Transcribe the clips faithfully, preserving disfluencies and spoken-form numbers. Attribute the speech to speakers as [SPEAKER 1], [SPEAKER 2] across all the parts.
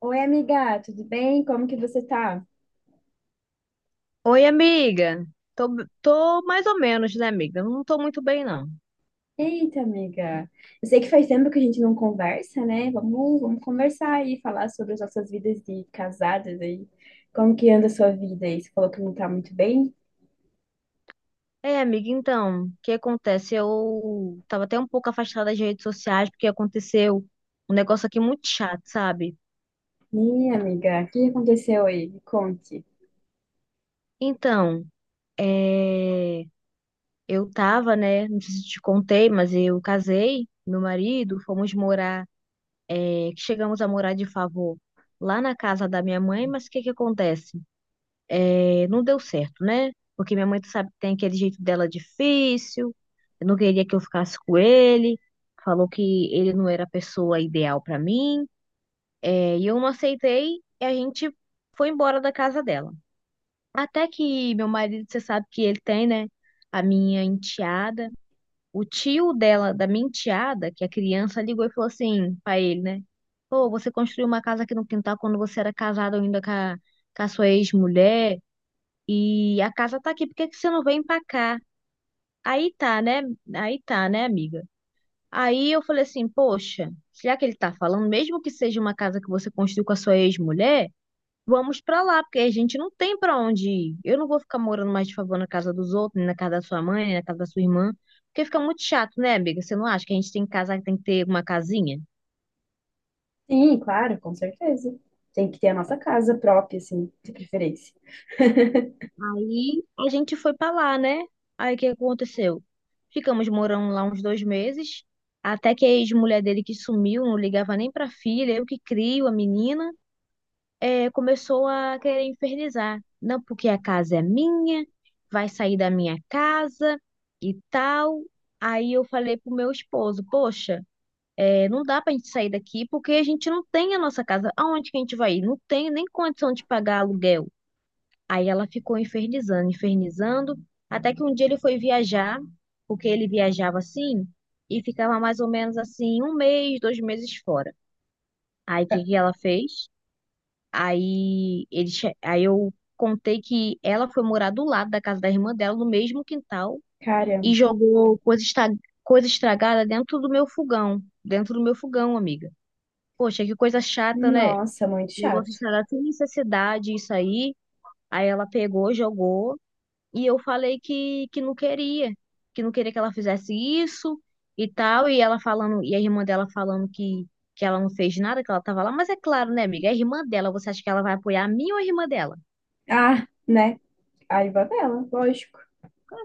[SPEAKER 1] Oi, amiga, tudo bem? Como que você tá?
[SPEAKER 2] Oi, amiga. Tô, tô mais ou menos, né, amiga? Não tô muito bem, não.
[SPEAKER 1] Eita, amiga. Eu sei que faz tempo que a gente não conversa, né? Vamos, vamos conversar aí, falar sobre as nossas vidas de casadas aí. Como que anda a sua vida aí? Você falou que não tá muito bem?
[SPEAKER 2] É, amiga, então, o que acontece? Eu tava até um pouco afastada das redes sociais porque aconteceu um negócio aqui muito chato, sabe?
[SPEAKER 1] Ih, amiga, o que aconteceu aí? Me conte.
[SPEAKER 2] Então, é, eu tava, né? Não sei se te contei, mas eu casei, meu marido, fomos morar, é, que chegamos a morar de favor lá na casa da minha mãe, mas o que que acontece? É, não deu certo, né? Porque minha mãe, tu sabe, tem aquele jeito dela difícil, não queria que eu ficasse com ele, falou que ele não era a pessoa ideal pra mim, é, e eu não aceitei, e a gente foi embora da casa dela. Até que meu marido, você sabe que ele tem, né? A minha enteada, o tio dela, da minha enteada, que a criança ligou e falou assim pra ele, né? Pô, você construiu uma casa aqui no quintal quando você era casado ainda com a, com a sua ex-mulher. E a casa tá aqui, por que que você não vem pra cá? Aí tá, né? Aí tá, né, amiga? Aí eu falei assim, poxa, já que ele tá falando, mesmo que seja uma casa que você construiu com a sua ex-mulher, vamos pra lá, porque a gente não tem pra onde ir. Eu não vou ficar morando mais de favor na casa dos outros, nem na casa da sua mãe, nem na casa da sua irmã, porque fica muito chato, né, amiga? Você não acha que a gente tem casa, tem que ter uma casinha?
[SPEAKER 1] Sim, claro, com certeza. Tem que ter a nossa casa própria, assim, de preferência.
[SPEAKER 2] Aí a gente foi pra lá, né? Aí o que aconteceu? Ficamos morando lá uns dois meses, até que a ex-mulher dele que sumiu, não ligava nem pra filha, eu que crio a menina, eh, começou a querer infernizar. Não, porque a casa é minha, vai sair da minha casa e tal. Aí eu falei pro meu esposo, poxa, eh, não dá pra gente sair daqui porque a gente não tem a nossa casa. Aonde que a gente vai ir? Não tem nem condição de pagar aluguel. Aí ela ficou infernizando, infernizando, até que um dia ele foi viajar, porque ele viajava assim, e ficava mais ou menos assim, um mês, dois meses fora. Aí o
[SPEAKER 1] Ah,
[SPEAKER 2] que que ela fez? Aí, ele, che- aí eu contei que ela foi morar do lado da casa da irmã dela, no mesmo quintal, e
[SPEAKER 1] caramba.
[SPEAKER 2] jogou coisa, esta- coisa estragada dentro do meu fogão. Dentro do meu fogão, amiga. Poxa, que coisa chata, né?
[SPEAKER 1] Nossa, muito
[SPEAKER 2] Negócio
[SPEAKER 1] chato.
[SPEAKER 2] estragado sem necessidade, isso aí. Aí ela pegou, jogou. E eu falei que, que não queria, que não queria que ela fizesse isso e tal. E ela falando, e a irmã dela falando que, que ela não fez nada, que ela tava lá. Mas é claro, né, amiga? É a irmã dela, você acha que ela vai apoiar a mim ou a irmã dela?
[SPEAKER 1] Ah, né? Aí vai ela, lógico,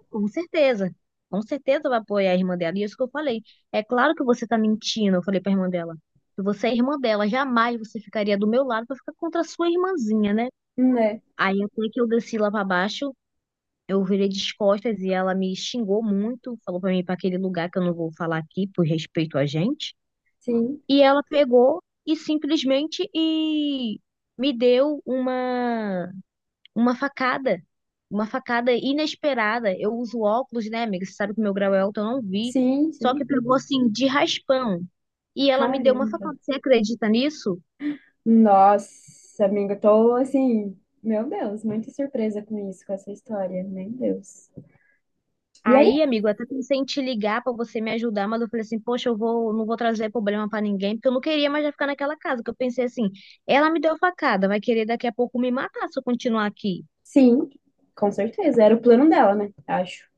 [SPEAKER 2] Com certeza. Com certeza vai apoiar a irmã dela. E é isso que eu falei. É claro que você tá mentindo, eu falei pra irmã dela. Que você é irmã dela, jamais você ficaria do meu lado pra ficar contra a sua irmãzinha, né?
[SPEAKER 1] né?
[SPEAKER 2] Aí até que eu desci lá pra baixo. Eu virei de costas e ela me xingou muito, falou pra mim ir pra aquele lugar que eu não vou falar aqui por respeito a gente.
[SPEAKER 1] Sim,
[SPEAKER 2] E ela pegou e simplesmente e me deu uma uma facada, uma facada inesperada. Eu uso óculos, né, amiga? Você sabe que meu grau é alto, eu não vi.
[SPEAKER 1] sim,
[SPEAKER 2] Só que
[SPEAKER 1] sim.
[SPEAKER 2] pegou assim de raspão. E ela me deu uma
[SPEAKER 1] Caramba.
[SPEAKER 2] facada. Você acredita nisso?
[SPEAKER 1] Nossa, amiga, tô assim, meu Deus, muito surpresa com isso, com essa história. Meu Deus. E aí?
[SPEAKER 2] Aí, amigo, eu até pensei em te ligar pra você me ajudar, mas eu falei assim, poxa, eu vou, não vou trazer problema pra ninguém, porque eu não queria mais já ficar naquela casa. Porque eu pensei assim, ela me deu facada, vai querer daqui a pouco me matar se eu continuar aqui.
[SPEAKER 1] Sim, com certeza. Era o plano dela, né? Acho.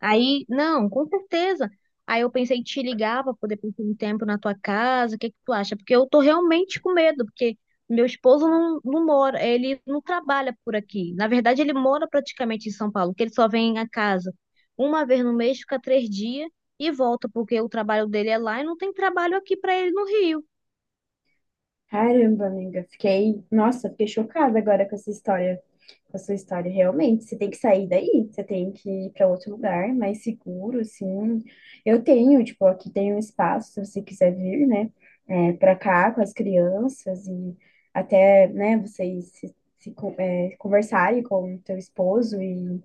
[SPEAKER 2] Aí, não, com certeza. Aí eu pensei em te ligar para poder passar um tempo na tua casa, o que que tu acha? Porque eu tô realmente com medo, porque meu esposo não, não mora, ele não trabalha por aqui. Na verdade, ele mora praticamente em São Paulo, porque ele só vem a casa uma vez no mês, fica três dias e volta, porque o trabalho dele é lá e não tem trabalho aqui para ele no Rio.
[SPEAKER 1] Caramba, amiga, fiquei, nossa, fiquei chocada agora com essa história, com a sua história, realmente, você tem que sair daí, você tem que ir para outro lugar mais seguro, assim, eu tenho, tipo, aqui tem um espaço, se você quiser vir, né, é, para cá com as crianças e até, né, vocês se, se con- é, conversarem com o teu esposo e,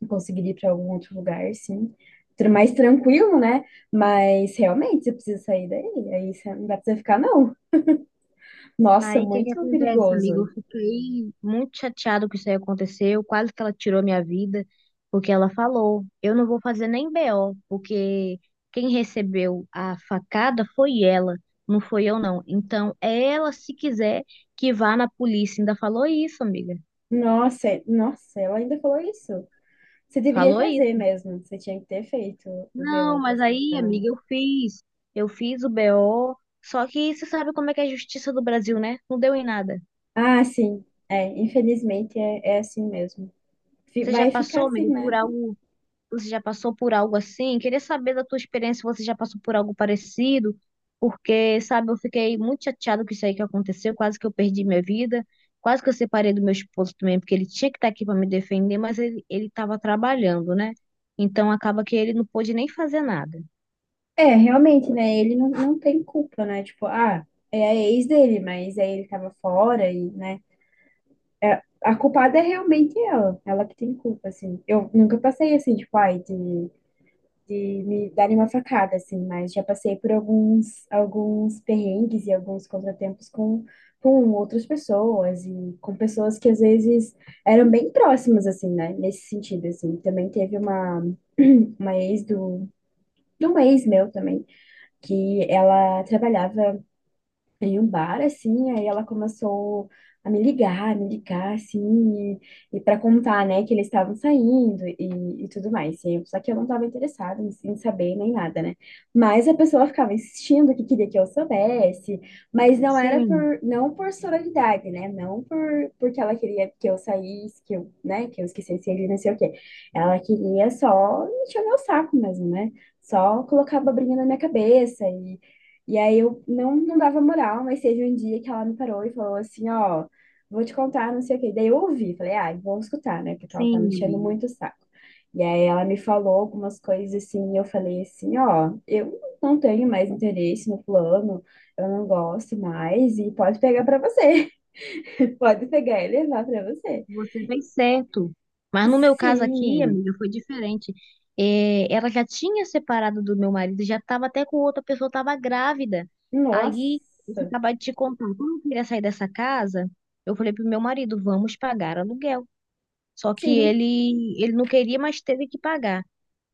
[SPEAKER 1] e conseguir ir para algum outro lugar, sim, tr- mais tranquilo, né, mas realmente você precisa sair daí, aí você não dá pra você ficar, não. Nossa,
[SPEAKER 2] Aí, o que que
[SPEAKER 1] muito
[SPEAKER 2] acontece, amigo? Eu
[SPEAKER 1] perigoso.
[SPEAKER 2] fiquei muito chateado que isso aí aconteceu, quase que ela tirou minha vida, porque ela falou, eu não vou fazer nem B O, porque quem recebeu a facada foi ela, não foi eu não. Então, é ela, se quiser, que vá na polícia. Ainda falou isso, amiga.
[SPEAKER 1] Nossa, é- nossa, ela ainda falou isso. Você deveria
[SPEAKER 2] Falou
[SPEAKER 1] fazer
[SPEAKER 2] isso.
[SPEAKER 1] mesmo. Você tinha que ter feito o
[SPEAKER 2] Não,
[SPEAKER 1] B O pra
[SPEAKER 2] mas
[SPEAKER 1] essa
[SPEAKER 2] aí,
[SPEAKER 1] então.
[SPEAKER 2] amiga, eu fiz. Eu fiz o B O, só que você sabe como é que é a justiça do Brasil, né? Não deu em nada.
[SPEAKER 1] Ah, sim. É, infelizmente é, é assim mesmo. Fi-
[SPEAKER 2] Você já
[SPEAKER 1] Vai ficar
[SPEAKER 2] passou,
[SPEAKER 1] assim,
[SPEAKER 2] amiga, por
[SPEAKER 1] né?
[SPEAKER 2] algo. Você já passou por algo assim? Queria saber da tua experiência, se você já passou por algo parecido, porque, sabe, eu fiquei muito chateada com isso aí que aconteceu, quase que eu perdi minha vida, quase que eu separei do meu esposo também, porque ele tinha que estar aqui para me defender, mas ele ele estava trabalhando, né? Então acaba que ele não pôde nem fazer nada.
[SPEAKER 1] É, realmente, né? Ele não, não tem culpa, né? Tipo, ah, é a ex dele, mas aí ele tava fora e, né? É, a culpada é realmente ela. Ela que tem culpa, assim. Eu nunca passei assim, tipo, ai, de de me darem uma facada, assim, mas já passei por alguns, alguns perrengues e alguns contratempos com, com outras pessoas e com pessoas que às vezes eram bem próximas, assim, né? Nesse sentido, assim. Também teve uma, uma ex do, de um ex meu também, que ela trabalhava em um bar, assim, aí ela começou a me ligar, me ligar, assim, e, e para contar, né, que eles estavam saindo e, e tudo mais. E eu- só que eu não estava interessada em, em saber nem nada, né? Mas a pessoa ficava insistindo que queria que eu soubesse, mas não era
[SPEAKER 2] Sim,
[SPEAKER 1] por, não por sororidade, né? Não por, porque ela queria que eu saísse, que eu, né, que eu esquecesse ele, não sei o quê. Ela queria só encher o meu saco mesmo, né? Só colocar a abobrinha na minha cabeça e aí eu não, não dava moral, mas teve um dia que ela me parou e falou assim, ó, vou te contar, não sei o quê. Daí eu ouvi, falei, ai, vou escutar, né? Porque ela tá me
[SPEAKER 2] sim,
[SPEAKER 1] enchendo
[SPEAKER 2] amiga.
[SPEAKER 1] muito o saco. E aí ela me falou algumas coisas assim, e eu falei assim, ó, eu não tenho mais interesse no plano, eu não gosto mais, e pode pegar pra você. Pode pegar e levar pra você.
[SPEAKER 2] Você fez certo. Mas no meu caso aqui,
[SPEAKER 1] Sim,
[SPEAKER 2] amiga, foi diferente. É, ela já tinha separado do meu marido, já estava até com outra pessoa, estava grávida. Aí, eu
[SPEAKER 1] nossa,
[SPEAKER 2] acabava de te contar, quando eu queria sair dessa casa, eu falei pro meu marido, vamos pagar aluguel. Só que
[SPEAKER 1] sim,
[SPEAKER 2] ele, ele não queria, mas teve que pagar.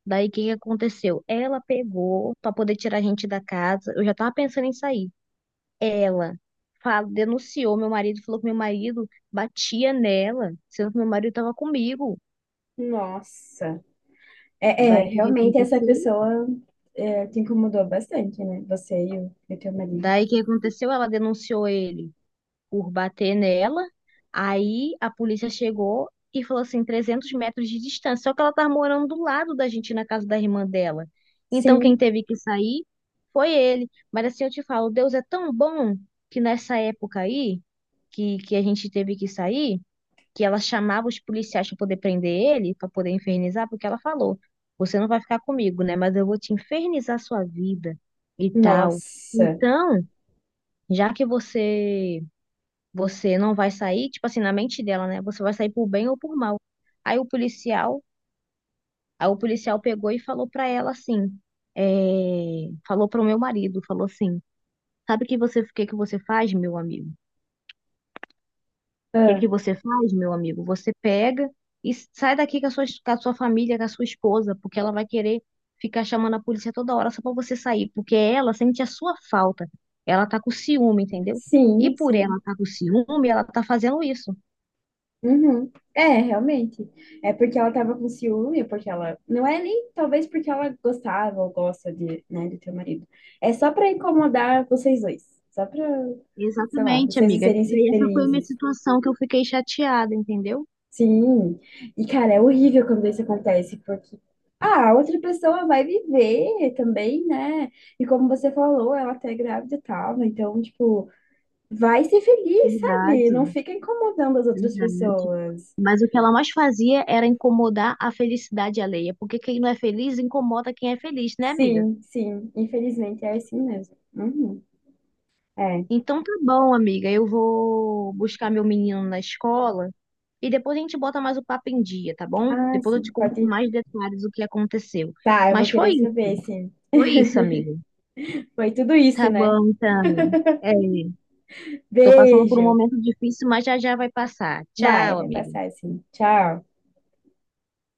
[SPEAKER 2] Daí, o que que aconteceu? Ela pegou para poder tirar a gente da casa. Eu já estava pensando em sair. Ela fala, denunciou meu marido, falou que meu marido batia nela, sendo que meu marido estava comigo.
[SPEAKER 1] nossa. É, é,
[SPEAKER 2] Daí o que que
[SPEAKER 1] realmente essa
[SPEAKER 2] aconteceu?
[SPEAKER 1] pessoa é, te incomodou bastante, né? Você e o, e o teu marido.
[SPEAKER 2] Daí o que aconteceu? Ela denunciou ele por bater nela. Aí a polícia chegou e falou assim, trezentos metros de distância. Só que ela estava morando do lado da gente, na casa da irmã dela. Então quem
[SPEAKER 1] Sim,
[SPEAKER 2] teve que sair foi ele. Mas assim eu te falo, Deus é tão bom que nessa época aí, que, que a gente teve que sair, que ela chamava os policiais para poder prender ele, para poder infernizar, porque ela falou: você não vai ficar comigo, né? Mas eu vou te infernizar sua vida e tal.
[SPEAKER 1] nossa.
[SPEAKER 2] Então, já que você você não vai sair, tipo assim, na mente dela, né? Você vai sair por bem ou por mal. Aí o policial, aí o policial pegou e falou para ela assim, é, falou para o meu marido, falou assim, sabe que você, o que que você faz, meu amigo? O que
[SPEAKER 1] Ah,
[SPEAKER 2] que você faz, meu amigo? Você pega e sai daqui com a sua, com a sua, família, com a sua esposa, porque ela vai querer ficar chamando a polícia toda hora só para você sair, porque ela sente a sua falta. Ela tá com ciúme, entendeu? E
[SPEAKER 1] sim,
[SPEAKER 2] por ela
[SPEAKER 1] sim.
[SPEAKER 2] tá com ciúme, ela tá fazendo isso.
[SPEAKER 1] Uhum. É, realmente. É porque ela tava com ciúme, porque ela. Não é nem talvez porque ela gostava ou gosta de, né, do teu marido. É só pra incomodar vocês dois. Só pra, sei lá,
[SPEAKER 2] Exatamente,
[SPEAKER 1] vocês não
[SPEAKER 2] amiga.
[SPEAKER 1] serem se-
[SPEAKER 2] E essa foi a minha
[SPEAKER 1] felizes.
[SPEAKER 2] situação que eu fiquei chateada, entendeu?
[SPEAKER 1] Sim, e cara, é horrível quando isso acontece, porque ah, a outra pessoa vai viver também, né? E como você falou, ela tá grávida e tal, né? Então, tipo, vai ser feliz, sabe? Não
[SPEAKER 2] Verdade,
[SPEAKER 1] fica incomodando as outras
[SPEAKER 2] verdade.
[SPEAKER 1] pessoas.
[SPEAKER 2] Mas o que ela mais fazia era incomodar a felicidade alheia, porque quem não é feliz incomoda quem é feliz, né, amiga?
[SPEAKER 1] Sim, sim, infelizmente é assim mesmo. Uhum. É,
[SPEAKER 2] Então tá bom, amiga. Eu vou buscar meu menino na escola e depois a gente bota mais o papo em dia, tá bom?
[SPEAKER 1] ah,
[SPEAKER 2] Depois eu
[SPEAKER 1] sim,
[SPEAKER 2] te conto com
[SPEAKER 1] pode.
[SPEAKER 2] mais detalhes o que aconteceu.
[SPEAKER 1] Tá, eu vou
[SPEAKER 2] Mas foi
[SPEAKER 1] querer
[SPEAKER 2] isso,
[SPEAKER 1] saber, sim.
[SPEAKER 2] foi isso, amiga.
[SPEAKER 1] Foi tudo isso,
[SPEAKER 2] Tá
[SPEAKER 1] né?
[SPEAKER 2] bom, então. É, tô passando por um
[SPEAKER 1] Beijo.
[SPEAKER 2] momento difícil, mas já já vai passar.
[SPEAKER 1] Vai,
[SPEAKER 2] Tchau,
[SPEAKER 1] vai
[SPEAKER 2] amiga.
[SPEAKER 1] passar, sim. Tchau.